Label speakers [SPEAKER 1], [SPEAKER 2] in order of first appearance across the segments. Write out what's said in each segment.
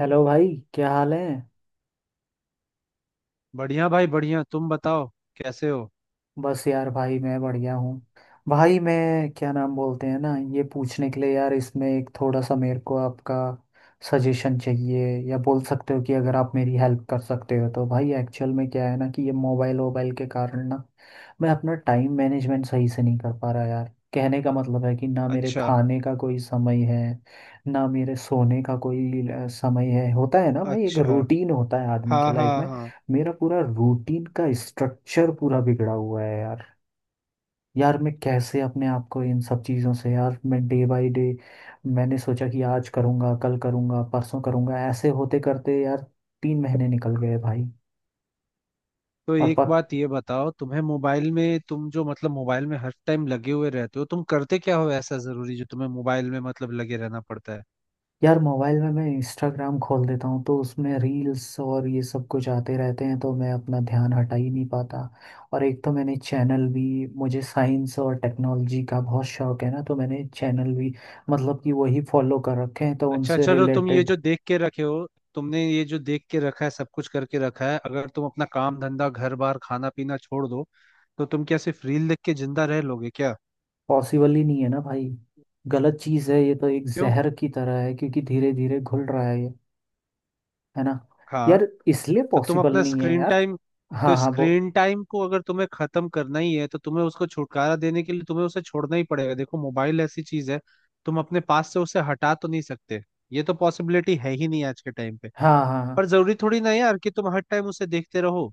[SPEAKER 1] Hello भाई, क्या हाल है?
[SPEAKER 2] बढ़िया भाई बढ़िया। तुम बताओ कैसे हो।
[SPEAKER 1] बस यार भाई, मैं बढ़िया हूँ। भाई मैं क्या नाम बोलते हैं ना, ये पूछने के लिए यार, इसमें एक थोड़ा सा मेरे को आपका सजेशन चाहिए, या बोल सकते हो कि अगर आप मेरी हेल्प कर सकते हो तो। भाई एक्चुअल में क्या है ना कि ये मोबाइल वोबाइल के कारण ना, मैं अपना टाइम मैनेजमेंट सही से नहीं कर पा रहा यार। कहने का मतलब है कि ना, मेरे
[SPEAKER 2] अच्छा।
[SPEAKER 1] खाने का कोई समय है, ना मेरे सोने का कोई समय है। होता है ना भाई, एक
[SPEAKER 2] अच्छा।
[SPEAKER 1] रूटीन होता है आदमी
[SPEAKER 2] हाँ
[SPEAKER 1] के
[SPEAKER 2] हाँ
[SPEAKER 1] लाइफ में।
[SPEAKER 2] हाँ।
[SPEAKER 1] मेरा पूरा रूटीन का स्ट्रक्चर पूरा बिगड़ा हुआ है यार। यार मैं कैसे अपने आप को इन सब चीज़ों से, यार मैं डे बाय डे मैंने सोचा कि आज करूँगा, कल करूँगा, परसों करूँगा, ऐसे होते करते यार 3 महीने निकल गए भाई।
[SPEAKER 2] तो
[SPEAKER 1] और
[SPEAKER 2] एक
[SPEAKER 1] प,
[SPEAKER 2] बात ये बताओ, तुम्हें मोबाइल में तुम जो मतलब मोबाइल में हर टाइम लगे हुए रहते हो, तुम करते क्या हो ऐसा जरूरी जो तुम्हें मोबाइल में मतलब लगे रहना पड़ता है।
[SPEAKER 1] यार मोबाइल में मैं इंस्टाग्राम खोल देता हूँ तो उसमें रील्स और ये सब कुछ आते रहते हैं, तो मैं अपना ध्यान हटा ही नहीं पाता। और एक तो मैंने चैनल भी, मुझे साइंस और टेक्नोलॉजी का बहुत शौक है ना, तो मैंने चैनल भी मतलब कि वही फॉलो कर रखे हैं, तो
[SPEAKER 2] अच्छा
[SPEAKER 1] उनसे
[SPEAKER 2] चलो, तुम ये
[SPEAKER 1] रिलेटेड।
[SPEAKER 2] जो देख के रखे हो, तुमने ये जो देख के रखा है सब कुछ करके रखा है, अगर तुम अपना काम धंधा घर बार खाना पीना छोड़ दो तो तुम क्या सिर्फ रील देख के जिंदा रह लोगे क्या?
[SPEAKER 1] पॉसिबल ही नहीं है ना भाई। गलत चीज़ है, ये तो एक
[SPEAKER 2] क्यों?
[SPEAKER 1] जहर की तरह है, क्योंकि धीरे धीरे घुल रहा है ये। है ना।
[SPEAKER 2] हाँ।
[SPEAKER 1] यार इसलिए
[SPEAKER 2] तो तुम
[SPEAKER 1] पॉसिबल
[SPEAKER 2] अपना
[SPEAKER 1] नहीं है
[SPEAKER 2] स्क्रीन
[SPEAKER 1] यार।
[SPEAKER 2] टाइम, तो
[SPEAKER 1] हाँ हाँ, वो।
[SPEAKER 2] स्क्रीन टाइम को अगर तुम्हें खत्म करना ही है तो तुम्हें उसको छुटकारा देने के लिए तुम्हें उसे छोड़ना ही पड़ेगा। देखो मोबाइल ऐसी चीज है, तुम अपने पास से उसे हटा तो नहीं सकते, ये तो पॉसिबिलिटी है ही नहीं आज के टाइम पे।
[SPEAKER 1] हाँ हाँ
[SPEAKER 2] पर
[SPEAKER 1] हाँ।
[SPEAKER 2] जरूरी थोड़ी ना है यार कि तुम हर टाइम उसे देखते रहो।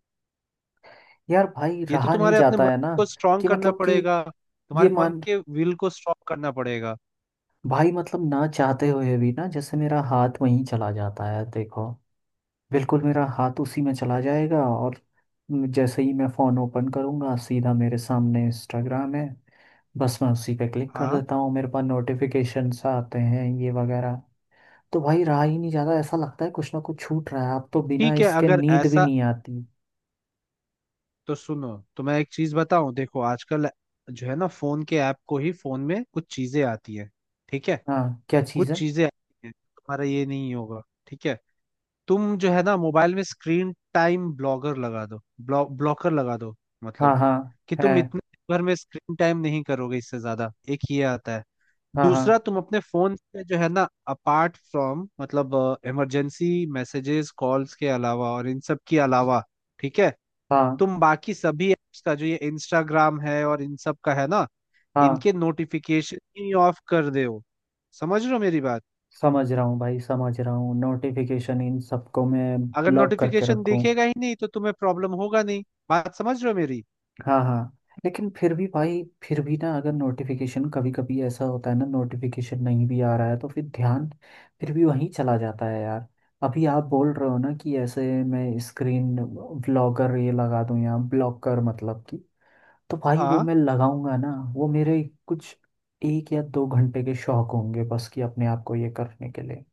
[SPEAKER 1] यार भाई
[SPEAKER 2] ये तो
[SPEAKER 1] रहा नहीं
[SPEAKER 2] तुम्हारे अपने
[SPEAKER 1] जाता
[SPEAKER 2] मन
[SPEAKER 1] है ना।
[SPEAKER 2] को स्ट्रांग
[SPEAKER 1] कि
[SPEAKER 2] करना
[SPEAKER 1] मतलब कि
[SPEAKER 2] पड़ेगा,
[SPEAKER 1] ये
[SPEAKER 2] तुम्हारे मन
[SPEAKER 1] मान
[SPEAKER 2] के विल को स्ट्रांग करना पड़ेगा।
[SPEAKER 1] भाई मतलब, ना चाहते हुए भी ना, जैसे मेरा हाथ वहीं चला जाता है, देखो। बिल्कुल मेरा हाथ उसी में चला जाएगा, और जैसे ही मैं फोन ओपन करूंगा, सीधा मेरे सामने इंस्टाग्राम है। बस मैं उसी पे क्लिक कर
[SPEAKER 2] हाँ।
[SPEAKER 1] देता हूँ। मेरे पास नोटिफिकेशंस आते हैं ये वगैरह, तो भाई रहा ही नहीं जाता। ऐसा लगता है कुछ ना कुछ छूट रहा है। अब तो बिना
[SPEAKER 2] ठीक है
[SPEAKER 1] इसके
[SPEAKER 2] अगर
[SPEAKER 1] नींद भी
[SPEAKER 2] ऐसा,
[SPEAKER 1] नहीं आती।
[SPEAKER 2] तो सुनो, तो मैं एक चीज बताऊं। देखो आजकल जो है ना फोन के ऐप को ही फोन में कुछ चीजें आती है। ठीक है।
[SPEAKER 1] हाँ, क्या चीज़
[SPEAKER 2] कुछ
[SPEAKER 1] है?
[SPEAKER 2] चीजें आती हैं, तुम्हारा ये नहीं होगा। ठीक है। तुम जो है ना मोबाइल में स्क्रीन टाइम ब्लॉगर लगा दो, ब्लॉकर लगा दो।
[SPEAKER 1] हाँ
[SPEAKER 2] मतलब
[SPEAKER 1] हाँ।
[SPEAKER 2] कि
[SPEAKER 1] है।
[SPEAKER 2] तुम इतने दिन भर में स्क्रीन टाइम नहीं करोगे इससे ज्यादा, एक ये आता है।
[SPEAKER 1] हाँ हाँ
[SPEAKER 2] दूसरा, तुम अपने फोन से जो है ना, अपार्ट फ्रॉम मतलब इमरजेंसी मैसेजेस कॉल्स के अलावा और इन सब के अलावा, ठीक है,
[SPEAKER 1] हाँ।
[SPEAKER 2] तुम बाकी सभी एप्स का जो ये इंस्टाग्राम है और इन सब का है ना,
[SPEAKER 1] हाँ,
[SPEAKER 2] इनके नोटिफिकेशन ही ऑफ कर दे हो। समझ रहे हो मेरी बात?
[SPEAKER 1] समझ रहा हूँ भाई, समझ रहा हूँ। नोटिफिकेशन इन सबको मैं
[SPEAKER 2] अगर
[SPEAKER 1] ब्लॉक करके
[SPEAKER 2] नोटिफिकेशन
[SPEAKER 1] रखूँ?
[SPEAKER 2] दिखेगा ही नहीं तो तुम्हें प्रॉब्लम होगा नहीं। बात समझ रहे हो मेरी?
[SPEAKER 1] हाँ हाँ। लेकिन फिर भी भाई, फिर भी ना, अगर नोटिफिकेशन कभी कभी ऐसा होता है ना, नोटिफिकेशन नहीं भी आ रहा है तो फिर ध्यान फिर भी वहीं चला जाता है यार। अभी आप बोल रहे हो ना कि ऐसे मैं स्क्रीन ब्लॉकर ये लगा दूँ, या ब्लॉकर मतलब कि, तो भाई वो
[SPEAKER 2] हाँ।
[SPEAKER 1] मैं लगाऊंगा ना। वो मेरे कुछ 1 या 2 घंटे के शौक होंगे बस, कि अपने आप को ये करने के लिए।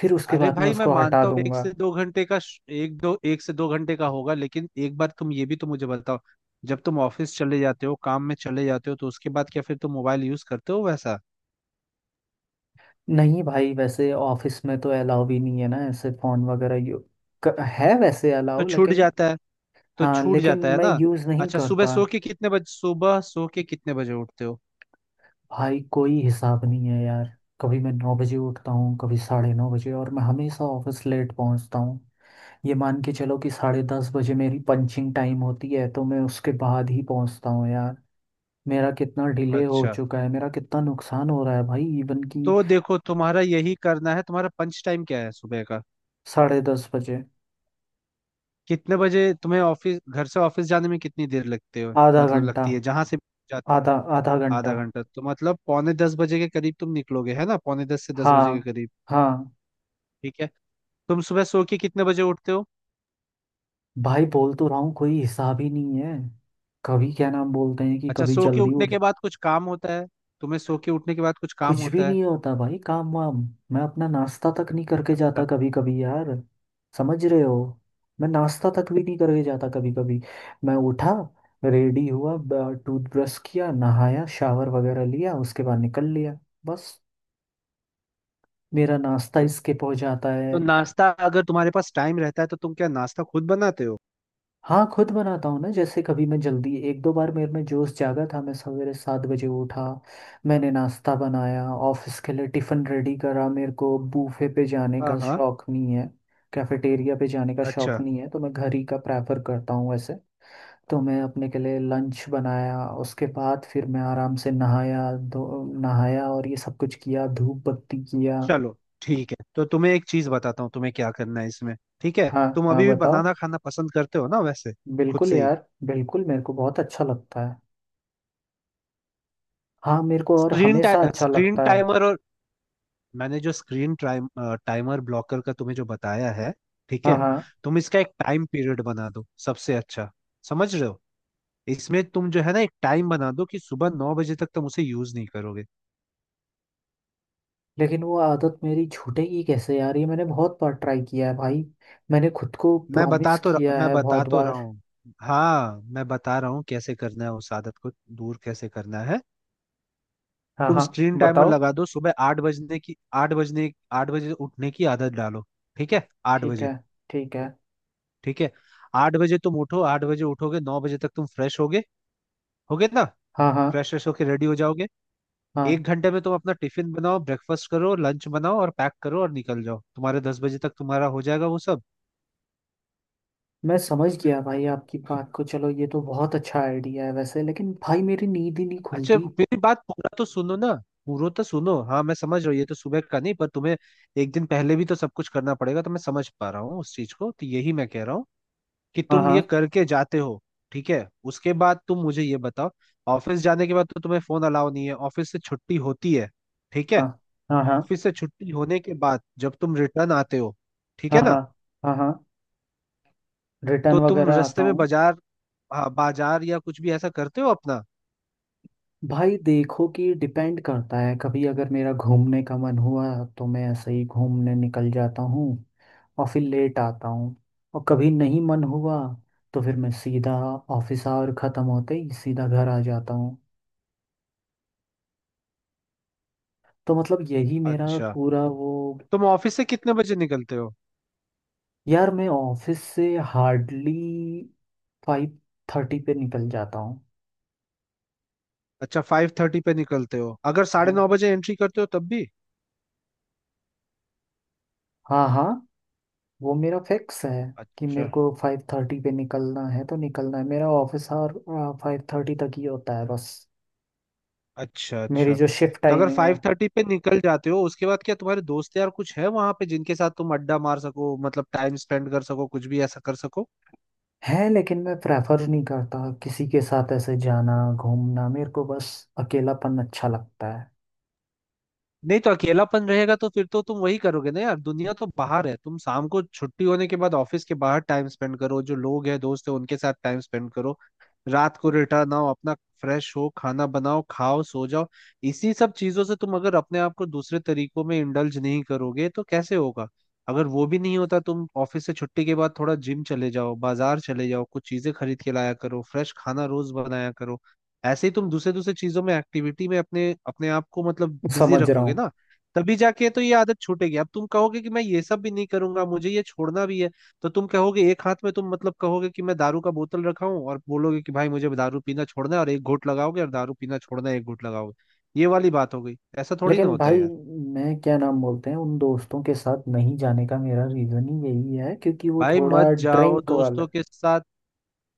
[SPEAKER 1] फिर उसके
[SPEAKER 2] अरे
[SPEAKER 1] बाद मैं
[SPEAKER 2] भाई मैं
[SPEAKER 1] उसको हटा
[SPEAKER 2] मानता हूँ, एक
[SPEAKER 1] दूंगा।
[SPEAKER 2] से दो घंटे का एक दो, 1 से 2 घंटे का होगा, लेकिन एक बार तुम ये भी तो मुझे बताओ, जब तुम ऑफिस चले जाते हो, काम में चले जाते हो, तो उसके बाद क्या फिर तुम मोबाइल यूज करते हो वैसा?
[SPEAKER 1] नहीं भाई, वैसे ऑफिस में तो अलाउ भी नहीं है ना ऐसे फोन वगैरह। है वैसे
[SPEAKER 2] तो
[SPEAKER 1] अलाउ,
[SPEAKER 2] छूट
[SPEAKER 1] लेकिन
[SPEAKER 2] जाता है, तो
[SPEAKER 1] हाँ,
[SPEAKER 2] छूट
[SPEAKER 1] लेकिन
[SPEAKER 2] जाता है
[SPEAKER 1] मैं
[SPEAKER 2] ना?
[SPEAKER 1] यूज़ नहीं
[SPEAKER 2] अच्छा, सुबह
[SPEAKER 1] करता।
[SPEAKER 2] सो के कितने बजे, सुबह सो के कितने बजे उठते हो?
[SPEAKER 1] भाई, कोई हिसाब नहीं है यार। कभी मैं 9 बजे उठता हूँ, कभी 9:30 बजे, और मैं हमेशा ऑफिस लेट पहुँचता हूँ। ये मान के चलो कि 10:30 बजे मेरी पंचिंग टाइम होती है, तो मैं उसके बाद ही पहुँचता हूँ यार। मेरा कितना डिले हो
[SPEAKER 2] अच्छा।
[SPEAKER 1] चुका है, मेरा कितना नुकसान हो रहा है भाई, इवन कि
[SPEAKER 2] तो देखो, तुम्हारा यही करना है। तुम्हारा पंच टाइम क्या है सुबह का?
[SPEAKER 1] 10:30 बजे।
[SPEAKER 2] कितने बजे तुम्हें ऑफिस, घर से ऑफिस जाने में कितनी देर लगते हो
[SPEAKER 1] आधा
[SPEAKER 2] मतलब
[SPEAKER 1] घंटा।
[SPEAKER 2] लगती है जहां से जाते?
[SPEAKER 1] आधा आधा घंटा।
[SPEAKER 2] आधा घंटा? तो मतलब पौने 10 बजे के करीब तुम निकलोगे, है ना, पौने 10 से 10 बजे के
[SPEAKER 1] हाँ
[SPEAKER 2] करीब।
[SPEAKER 1] हाँ।
[SPEAKER 2] ठीक है। तुम सुबह सो के कितने बजे उठते हो?
[SPEAKER 1] भाई बोल तो रहा हूँ, कोई हिसाब ही नहीं है। कभी क्या नाम बोलते हैं कि
[SPEAKER 2] अच्छा,
[SPEAKER 1] कभी
[SPEAKER 2] सो के
[SPEAKER 1] जल्दी
[SPEAKER 2] उठने
[SPEAKER 1] उठ।
[SPEAKER 2] के बाद कुछ काम होता है? तुम्हें सो के उठने के बाद कुछ काम
[SPEAKER 1] कुछ भी
[SPEAKER 2] होता है?
[SPEAKER 1] नहीं होता भाई, काम वाम। मैं अपना नाश्ता तक नहीं करके
[SPEAKER 2] अच्छा।
[SPEAKER 1] जाता कभी कभी यार। समझ रहे हो। मैं नाश्ता तक भी नहीं करके जाता कभी कभी। मैं उठा, रेडी हुआ, टूथब्रश किया, नहाया, शावर वगैरह लिया, उसके बाद निकल लिया बस। मेरा नाश्ता इसके पहुंच जाता है।
[SPEAKER 2] तो नाश्ता, अगर तुम्हारे पास टाइम रहता है तो तुम क्या नाश्ता खुद बनाते हो?
[SPEAKER 1] हाँ, खुद बनाता हूँ ना, जैसे कभी मैं जल्दी, एक दो बार मेरे में जोश जागा था, मैं सवेरे 7 बजे उठा। मैंने नाश्ता बनाया, ऑफिस के लिए टिफ़िन रेडी करा। मेरे को बूफे पे जाने
[SPEAKER 2] हाँ
[SPEAKER 1] का
[SPEAKER 2] हाँ।
[SPEAKER 1] शौक नहीं है, कैफेटेरिया पे जाने का शौक
[SPEAKER 2] अच्छा।
[SPEAKER 1] नहीं है, तो मैं घर ही का प्रेफर करता हूँ वैसे। तो मैं अपने के लिए लंच बनाया, उसके बाद फिर मैं आराम से नहाया, धो नहाया, और ये सब कुछ किया, धूप बत्ती किया।
[SPEAKER 2] चलो ठीक है, तो तुम्हें एक चीज बताता हूँ तुम्हें क्या करना है इसमें। ठीक है।
[SPEAKER 1] हाँ
[SPEAKER 2] तुम
[SPEAKER 1] हाँ,
[SPEAKER 2] अभी भी
[SPEAKER 1] बताओ।
[SPEAKER 2] बनाना खाना पसंद करते हो ना वैसे? खुद
[SPEAKER 1] बिल्कुल
[SPEAKER 2] से ही?
[SPEAKER 1] यार, बिल्कुल, मेरे को बहुत अच्छा लगता है। हाँ, मेरे को और हमेशा अच्छा
[SPEAKER 2] स्क्रीन
[SPEAKER 1] लगता है।
[SPEAKER 2] टाइमर और, मैंने जो स्क्रीन टाइम टाइमर ब्लॉकर का तुम्हें जो बताया है, ठीक
[SPEAKER 1] हाँ
[SPEAKER 2] है,
[SPEAKER 1] हाँ।
[SPEAKER 2] तुम इसका एक टाइम पीरियड बना दो सबसे अच्छा। समझ रहे हो? इसमें तुम जो है ना एक टाइम बना दो कि सुबह 9 बजे तक तुम उसे यूज नहीं करोगे।
[SPEAKER 1] लेकिन वो आदत मेरी छूटेगी कैसे यार? ये मैंने बहुत बार ट्राई किया है भाई। मैंने खुद को प्रॉमिस किया
[SPEAKER 2] मैं
[SPEAKER 1] है
[SPEAKER 2] बता
[SPEAKER 1] बहुत
[SPEAKER 2] तो रहा
[SPEAKER 1] बार।
[SPEAKER 2] हूँ। हाँ मैं बता रहा हूँ कैसे करना है उस आदत को, दूर कैसे करना है।
[SPEAKER 1] हाँ
[SPEAKER 2] तुम
[SPEAKER 1] हाँ,
[SPEAKER 2] स्क्रीन टाइमर
[SPEAKER 1] बताओ।
[SPEAKER 2] लगा दो सुबह 8 बजने की। आठ बजने आठ बजे उठने की आदत डालो। ठीक है। आठ
[SPEAKER 1] ठीक है,
[SPEAKER 2] बजे
[SPEAKER 1] ठीक है।
[SPEAKER 2] ठीक है। आठ बजे तुम उठो, 8 बजे उठोगे 9 बजे तक तुम फ्रेश होगे, होगे ना?
[SPEAKER 1] हाँ हाँ।
[SPEAKER 2] फ्रेश फ्रेश होके रेडी हो जाओगे।
[SPEAKER 1] हाँ,
[SPEAKER 2] 1 घंटे में तुम अपना टिफिन बनाओ, ब्रेकफास्ट करो, लंच बनाओ और पैक करो और निकल जाओ, तुम्हारे 10 बजे तक तुम्हारा हो जाएगा वो सब।
[SPEAKER 1] मैं समझ गया भाई आपकी बात को। चलो ये तो बहुत अच्छा आइडिया है वैसे, लेकिन भाई मेरी नींद ही नहीं
[SPEAKER 2] अच्छा
[SPEAKER 1] खुलती।
[SPEAKER 2] मेरी बात पूरा तो सुनो ना, पूरा तो सुनो। हाँ मैं समझ रहा हूँ ये तो सुबह का नहीं, पर तुम्हें एक दिन पहले भी तो सब कुछ करना पड़ेगा, तो मैं समझ पा रहा हूँ उस चीज को, तो यही मैं कह रहा हूँ कि
[SPEAKER 1] हाँ
[SPEAKER 2] तुम ये
[SPEAKER 1] हाँ।
[SPEAKER 2] करके जाते हो। ठीक है, उसके बाद तुम मुझे ये बताओ, ऑफिस जाने के बाद तो तुम्हें फोन अलाउ नहीं है, ऑफिस से छुट्टी होती है, ठीक है,
[SPEAKER 1] हाँ हाँ। हाँ
[SPEAKER 2] ऑफिस से छुट्टी होने के बाद जब तुम रिटर्न आते हो, ठीक
[SPEAKER 1] हाँ।
[SPEAKER 2] है ना,
[SPEAKER 1] हाँ हाँ। हाँ, रिटर्न
[SPEAKER 2] तो तुम
[SPEAKER 1] वगैरह आता
[SPEAKER 2] रास्ते में
[SPEAKER 1] हूँ।
[SPEAKER 2] बाजार, हाँ, बाजार या कुछ भी ऐसा करते हो अपना?
[SPEAKER 1] भाई देखो, कि डिपेंड करता है। कभी अगर मेरा घूमने का मन हुआ तो मैं ऐसे ही घूमने निकल जाता हूँ, और फिर लेट आता हूँ। और कभी नहीं मन हुआ तो फिर मैं सीधा, ऑफिस आवर ख़त्म होते ही सीधा घर आ जाता हूँ। तो मतलब यही मेरा
[SPEAKER 2] अच्छा
[SPEAKER 1] पूरा वो।
[SPEAKER 2] तुम ऑफिस से कितने बजे निकलते हो?
[SPEAKER 1] यार मैं ऑफिस से हार्डली 5:30 पे निकल जाता हूँ।
[SPEAKER 2] अच्छा 5:30 पे निकलते हो, अगर साढ़े
[SPEAKER 1] हाँ
[SPEAKER 2] नौ बजे एंट्री करते हो तब भी?
[SPEAKER 1] हाँ। हाँ, वो मेरा फिक्स है कि मेरे
[SPEAKER 2] अच्छा
[SPEAKER 1] को 5:30 पे निकलना है तो निकलना है। मेरा ऑफिस आवर 5:30 तक ही होता है बस,
[SPEAKER 2] अच्छा।
[SPEAKER 1] मेरी
[SPEAKER 2] अच्छा
[SPEAKER 1] जो शिफ्ट
[SPEAKER 2] तो अगर
[SPEAKER 1] टाइमिंग है।
[SPEAKER 2] 5:30 पे निकल जाते हो, उसके बाद क्या तुम्हारे दोस्त यार कुछ है वहां पे जिनके साथ तुम अड्डा मार सको, मतलब टाइम स्पेंड कर सको, कुछ भी ऐसा कर सको?
[SPEAKER 1] है, लेकिन मैं प्रेफर नहीं करता किसी के साथ ऐसे जाना घूमना। मेरे को बस अकेलापन अच्छा लगता है।
[SPEAKER 2] नहीं तो अकेलापन रहेगा तो फिर तो तुम वही करोगे ना यार। दुनिया तो बाहर है, तुम शाम को छुट्टी होने के बाद ऑफिस के बाहर टाइम स्पेंड करो, जो लोग हैं दोस्त है उनके साथ टाइम स्पेंड करो, रात को
[SPEAKER 1] ये
[SPEAKER 2] रिटर्न आओ अपना, फ्रेश हो, खाना बनाओ, खाओ, सो जाओ। इसी सब चीजों से तुम अगर अपने आप को दूसरे तरीकों में इंडल्ज नहीं करोगे तो कैसे होगा? अगर वो भी नहीं होता, तुम ऑफिस से छुट्टी के बाद थोड़ा जिम चले जाओ, बाजार चले जाओ, कुछ चीजें खरीद के लाया करो, फ्रेश खाना रोज बनाया करो। ऐसे ही तुम दूसरे दूसरे चीजों में, एक्टिविटी में अपने अपने आप को मतलब बिजी
[SPEAKER 1] समझ रहा
[SPEAKER 2] रखोगे
[SPEAKER 1] हूँ।
[SPEAKER 2] ना, तभी जाके तो ये आदत छूटेगी। अब तुम कहोगे कि मैं ये सब भी नहीं करूंगा, मुझे ये छोड़ना भी है, तो तुम कहोगे एक हाथ में तुम मतलब कहोगे कि मैं दारू का बोतल रखा हूं और बोलोगे कि भाई मुझे दारू पीना छोड़ना है और एक घूंट लगाओगे और दारू पीना छोड़ना है एक घूंट लगाओगे, ये वाली बात हो गई, ऐसा थोड़ी ना
[SPEAKER 1] लेकिन
[SPEAKER 2] होता है
[SPEAKER 1] भाई
[SPEAKER 2] यार।
[SPEAKER 1] मैं क्या नाम बोलते हैं, उन दोस्तों के साथ नहीं जाने का मेरा रीज़न ही यही है, क्योंकि वो
[SPEAKER 2] भाई मत
[SPEAKER 1] थोड़ा
[SPEAKER 2] जाओ
[SPEAKER 1] ड्रिंक वाले।
[SPEAKER 2] दोस्तों के साथ,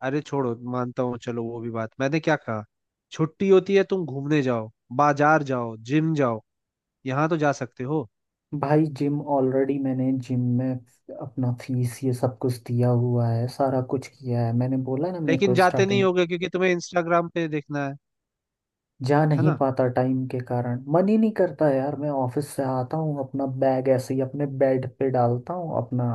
[SPEAKER 2] अरे छोड़ो, मानता हूँ, चलो वो भी बात, मैंने क्या कहा, छुट्टी होती है तुम घूमने जाओ, बाजार जाओ, जिम जाओ, यहाँ तो जा सकते हो।
[SPEAKER 1] भाई जिम ऑलरेडी, मैंने जिम में अपना फीस ये सब कुछ दिया हुआ है, सारा कुछ किया है। मैंने बोला ना मेरे
[SPEAKER 2] लेकिन
[SPEAKER 1] को
[SPEAKER 2] जाते नहीं
[SPEAKER 1] स्टार्टिंग।
[SPEAKER 2] होगे क्योंकि तुम्हें इंस्टाग्राम पे देखना है
[SPEAKER 1] जा
[SPEAKER 2] है
[SPEAKER 1] नहीं
[SPEAKER 2] ना?
[SPEAKER 1] पाता टाइम के कारण, मन ही नहीं करता यार। मैं ऑफिस से आता हूँ, अपना बैग ऐसे ही अपने बेड पे डालता हूँ, अपना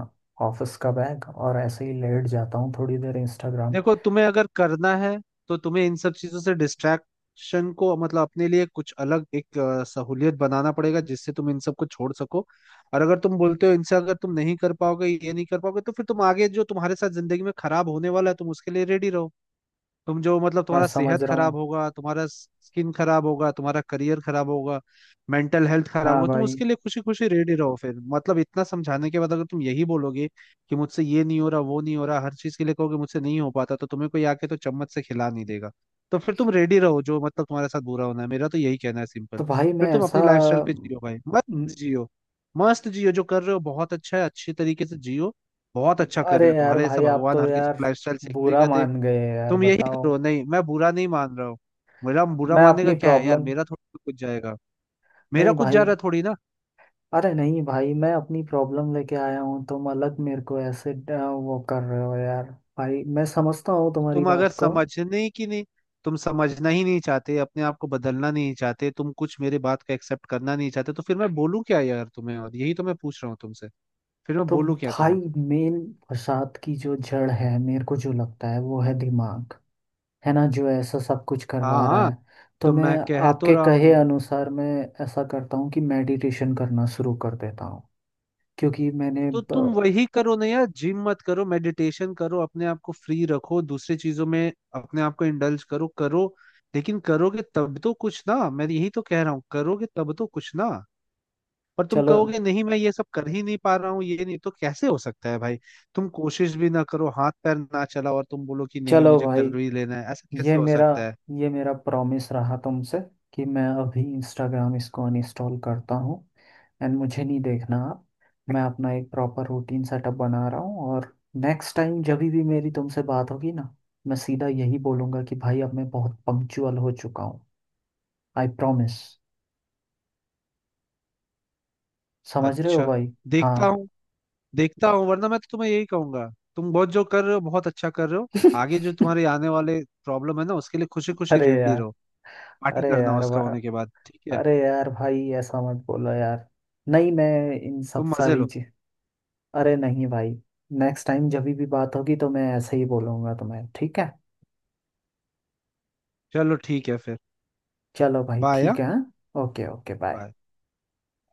[SPEAKER 1] ऑफिस का बैग, और ऐसे ही लेट जाता हूँ थोड़ी देर इंस्टाग्राम।
[SPEAKER 2] देखो तुम्हें अगर करना है तो तुम्हें इन सब चीजों से डिस्ट्रैक्शन को मतलब अपने लिए कुछ अलग एक सहूलियत बनाना पड़ेगा, जिससे तुम इन सबको छोड़ सको। और अगर तुम बोलते हो इनसे, अगर तुम नहीं कर पाओगे, ये नहीं कर पाओगे, तो फिर तुम आगे जो तुम्हारे साथ जिंदगी में खराब होने वाला है तुम उसके लिए रेडी रहो। तुम जो मतलब
[SPEAKER 1] मैं
[SPEAKER 2] तुम्हारा
[SPEAKER 1] समझ
[SPEAKER 2] सेहत
[SPEAKER 1] रहा
[SPEAKER 2] खराब
[SPEAKER 1] हूँ।
[SPEAKER 2] होगा, तुम्हारा स्किन खराब होगा, तुम्हारा करियर खराब होगा, मेंटल हेल्थ खराब
[SPEAKER 1] हाँ
[SPEAKER 2] होगा, तुम
[SPEAKER 1] भाई।
[SPEAKER 2] उसके लिए खुशी खुशी रेडी रहो। फिर मतलब इतना समझाने के बाद अगर तुम यही बोलोगे कि मुझसे ये नहीं हो रहा, वो नहीं हो रहा, हर चीज के लिए कहोगे मुझसे नहीं हो पाता, तो तुम्हें कोई आके तो चम्मच से खिला नहीं देगा। तो फिर तुम रेडी रहो जो मतलब तुम्हारे साथ बुरा होना है, मेरा तो यही कहना है सिंपल।
[SPEAKER 1] तो भाई मैं
[SPEAKER 2] फिर तुम
[SPEAKER 1] ऐसा
[SPEAKER 2] अपनी लाइफस्टाइल पे जियो भाई, मस्त
[SPEAKER 1] म,
[SPEAKER 2] जियो। मस्त जियो, जो कर रहे हो बहुत अच्छा है, अच्छे तरीके से जियो। बहुत अच्छा कर
[SPEAKER 1] अरे
[SPEAKER 2] रहे हो,
[SPEAKER 1] यार
[SPEAKER 2] तुम्हारे जैसा
[SPEAKER 1] भाई, आप
[SPEAKER 2] भगवान
[SPEAKER 1] तो
[SPEAKER 2] हर किसी
[SPEAKER 1] यार
[SPEAKER 2] को लाइफस्टाइल सीखने
[SPEAKER 1] बुरा
[SPEAKER 2] का दे।
[SPEAKER 1] मान गए यार,
[SPEAKER 2] तुम यही
[SPEAKER 1] बताओ।
[SPEAKER 2] करो। नहीं मैं बुरा नहीं मान रहा हूँ, मेरा बुरा
[SPEAKER 1] मैं
[SPEAKER 2] मानने का
[SPEAKER 1] अपनी
[SPEAKER 2] क्या है यार,
[SPEAKER 1] प्रॉब्लम,
[SPEAKER 2] मेरा थोड़ी कुछ जाएगा, मेरा
[SPEAKER 1] नहीं
[SPEAKER 2] कुछ जा
[SPEAKER 1] भाई।
[SPEAKER 2] रहा थोड़ी ना।
[SPEAKER 1] अरे नहीं भाई, मैं अपनी प्रॉब्लम लेके आया हूँ, तुम अलग मेरे को ऐसे वो कर रहे हो यार। भाई मैं समझता हूँ तुम्हारी
[SPEAKER 2] तुम अगर
[SPEAKER 1] बात को।
[SPEAKER 2] समझने ही की नहीं, तुम समझना ही नहीं चाहते, अपने आप को बदलना नहीं चाहते, तुम कुछ मेरे बात का एक्सेप्ट करना नहीं चाहते, तो फिर मैं बोलूँ क्या यार तुम्हें, और यही तो मैं पूछ रहा हूँ तुमसे, फिर मैं
[SPEAKER 1] तो
[SPEAKER 2] बोलूँ क्या
[SPEAKER 1] भाई
[SPEAKER 2] तुम्हें?
[SPEAKER 1] मेन फसाद की जो जड़ है, मेरे को जो लगता है, वो है दिमाग। है ना, जो ऐसा सब कुछ करवा रहा
[SPEAKER 2] हाँ,
[SPEAKER 1] है। तो
[SPEAKER 2] तो
[SPEAKER 1] मैं
[SPEAKER 2] मैं कह तो
[SPEAKER 1] आपके
[SPEAKER 2] रहा
[SPEAKER 1] कहे
[SPEAKER 2] हूँ,
[SPEAKER 1] अनुसार मैं ऐसा करता हूँ कि मेडिटेशन करना शुरू कर देता हूँ। क्योंकि मैंने
[SPEAKER 2] तो तुम
[SPEAKER 1] ब-
[SPEAKER 2] वही करो ना यार, जिम मत करो मेडिटेशन करो, अपने आप को फ्री रखो दूसरी चीजों में, अपने आप को इंडल्ज करो करो। लेकिन करोगे तब तो कुछ ना, मैं यही तो कह रहा हूँ, करोगे तब तो कुछ ना। पर तुम
[SPEAKER 1] चलो।
[SPEAKER 2] कहोगे नहीं मैं ये सब कर ही नहीं पा रहा हूँ, ये नहीं, तो कैसे हो सकता है भाई? तुम कोशिश भी ना करो, हाथ पैर ना चलाओ और तुम बोलो कि नहीं
[SPEAKER 1] चलो
[SPEAKER 2] मुझे
[SPEAKER 1] भाई,
[SPEAKER 2] कर ही लेना है, ऐसा
[SPEAKER 1] ये
[SPEAKER 2] कैसे हो
[SPEAKER 1] मेरा
[SPEAKER 2] सकता है?
[SPEAKER 1] ये मेरा प्रॉमिस रहा तुमसे, कि मैं अभी इंस्टाग्राम, इसको अनइंस्टॉल करता हूँ, एंड मुझे नहीं देखना आप। मैं अपना एक प्रॉपर रूटीन सेटअप बना रहा हूँ, और नेक्स्ट टाइम जब भी मेरी तुमसे बात होगी ना, मैं सीधा यही बोलूँगा कि भाई अब मैं बहुत पंक्चुअल हो चुका हूँ। I promise. समझ रहे हो
[SPEAKER 2] अच्छा,
[SPEAKER 1] भाई?
[SPEAKER 2] देखता
[SPEAKER 1] हाँ।
[SPEAKER 2] हूँ, देखता हूँ, वरना मैं तो तुम्हें यही कहूंगा, तुम बहुत जो कर रहे हो बहुत अच्छा कर रहे हो, आगे जो तुम्हारे आने वाले प्रॉब्लम है ना उसके लिए खुशी खुशी
[SPEAKER 1] अरे
[SPEAKER 2] रेडी
[SPEAKER 1] यार।
[SPEAKER 2] रहो, पार्टी
[SPEAKER 1] अरे
[SPEAKER 2] करना
[SPEAKER 1] यार
[SPEAKER 2] उसका
[SPEAKER 1] भा-
[SPEAKER 2] होने के बाद, ठीक है?
[SPEAKER 1] अरे यार भाई, ऐसा मत बोलो यार। नहीं मैं इन सब
[SPEAKER 2] तुम मजे
[SPEAKER 1] सारी
[SPEAKER 2] लो।
[SPEAKER 1] चीज, अरे नहीं भाई। नेक्स्ट टाइम जब भी बात होगी तो मैं ऐसे ही बोलूँगा तुम्हें, ठीक है?
[SPEAKER 2] चलो ठीक है फिर।
[SPEAKER 1] चलो भाई
[SPEAKER 2] बाय।
[SPEAKER 1] ठीक
[SPEAKER 2] हाँ?
[SPEAKER 1] है, हाँ? Okay okay, bye.
[SPEAKER 2] बाय।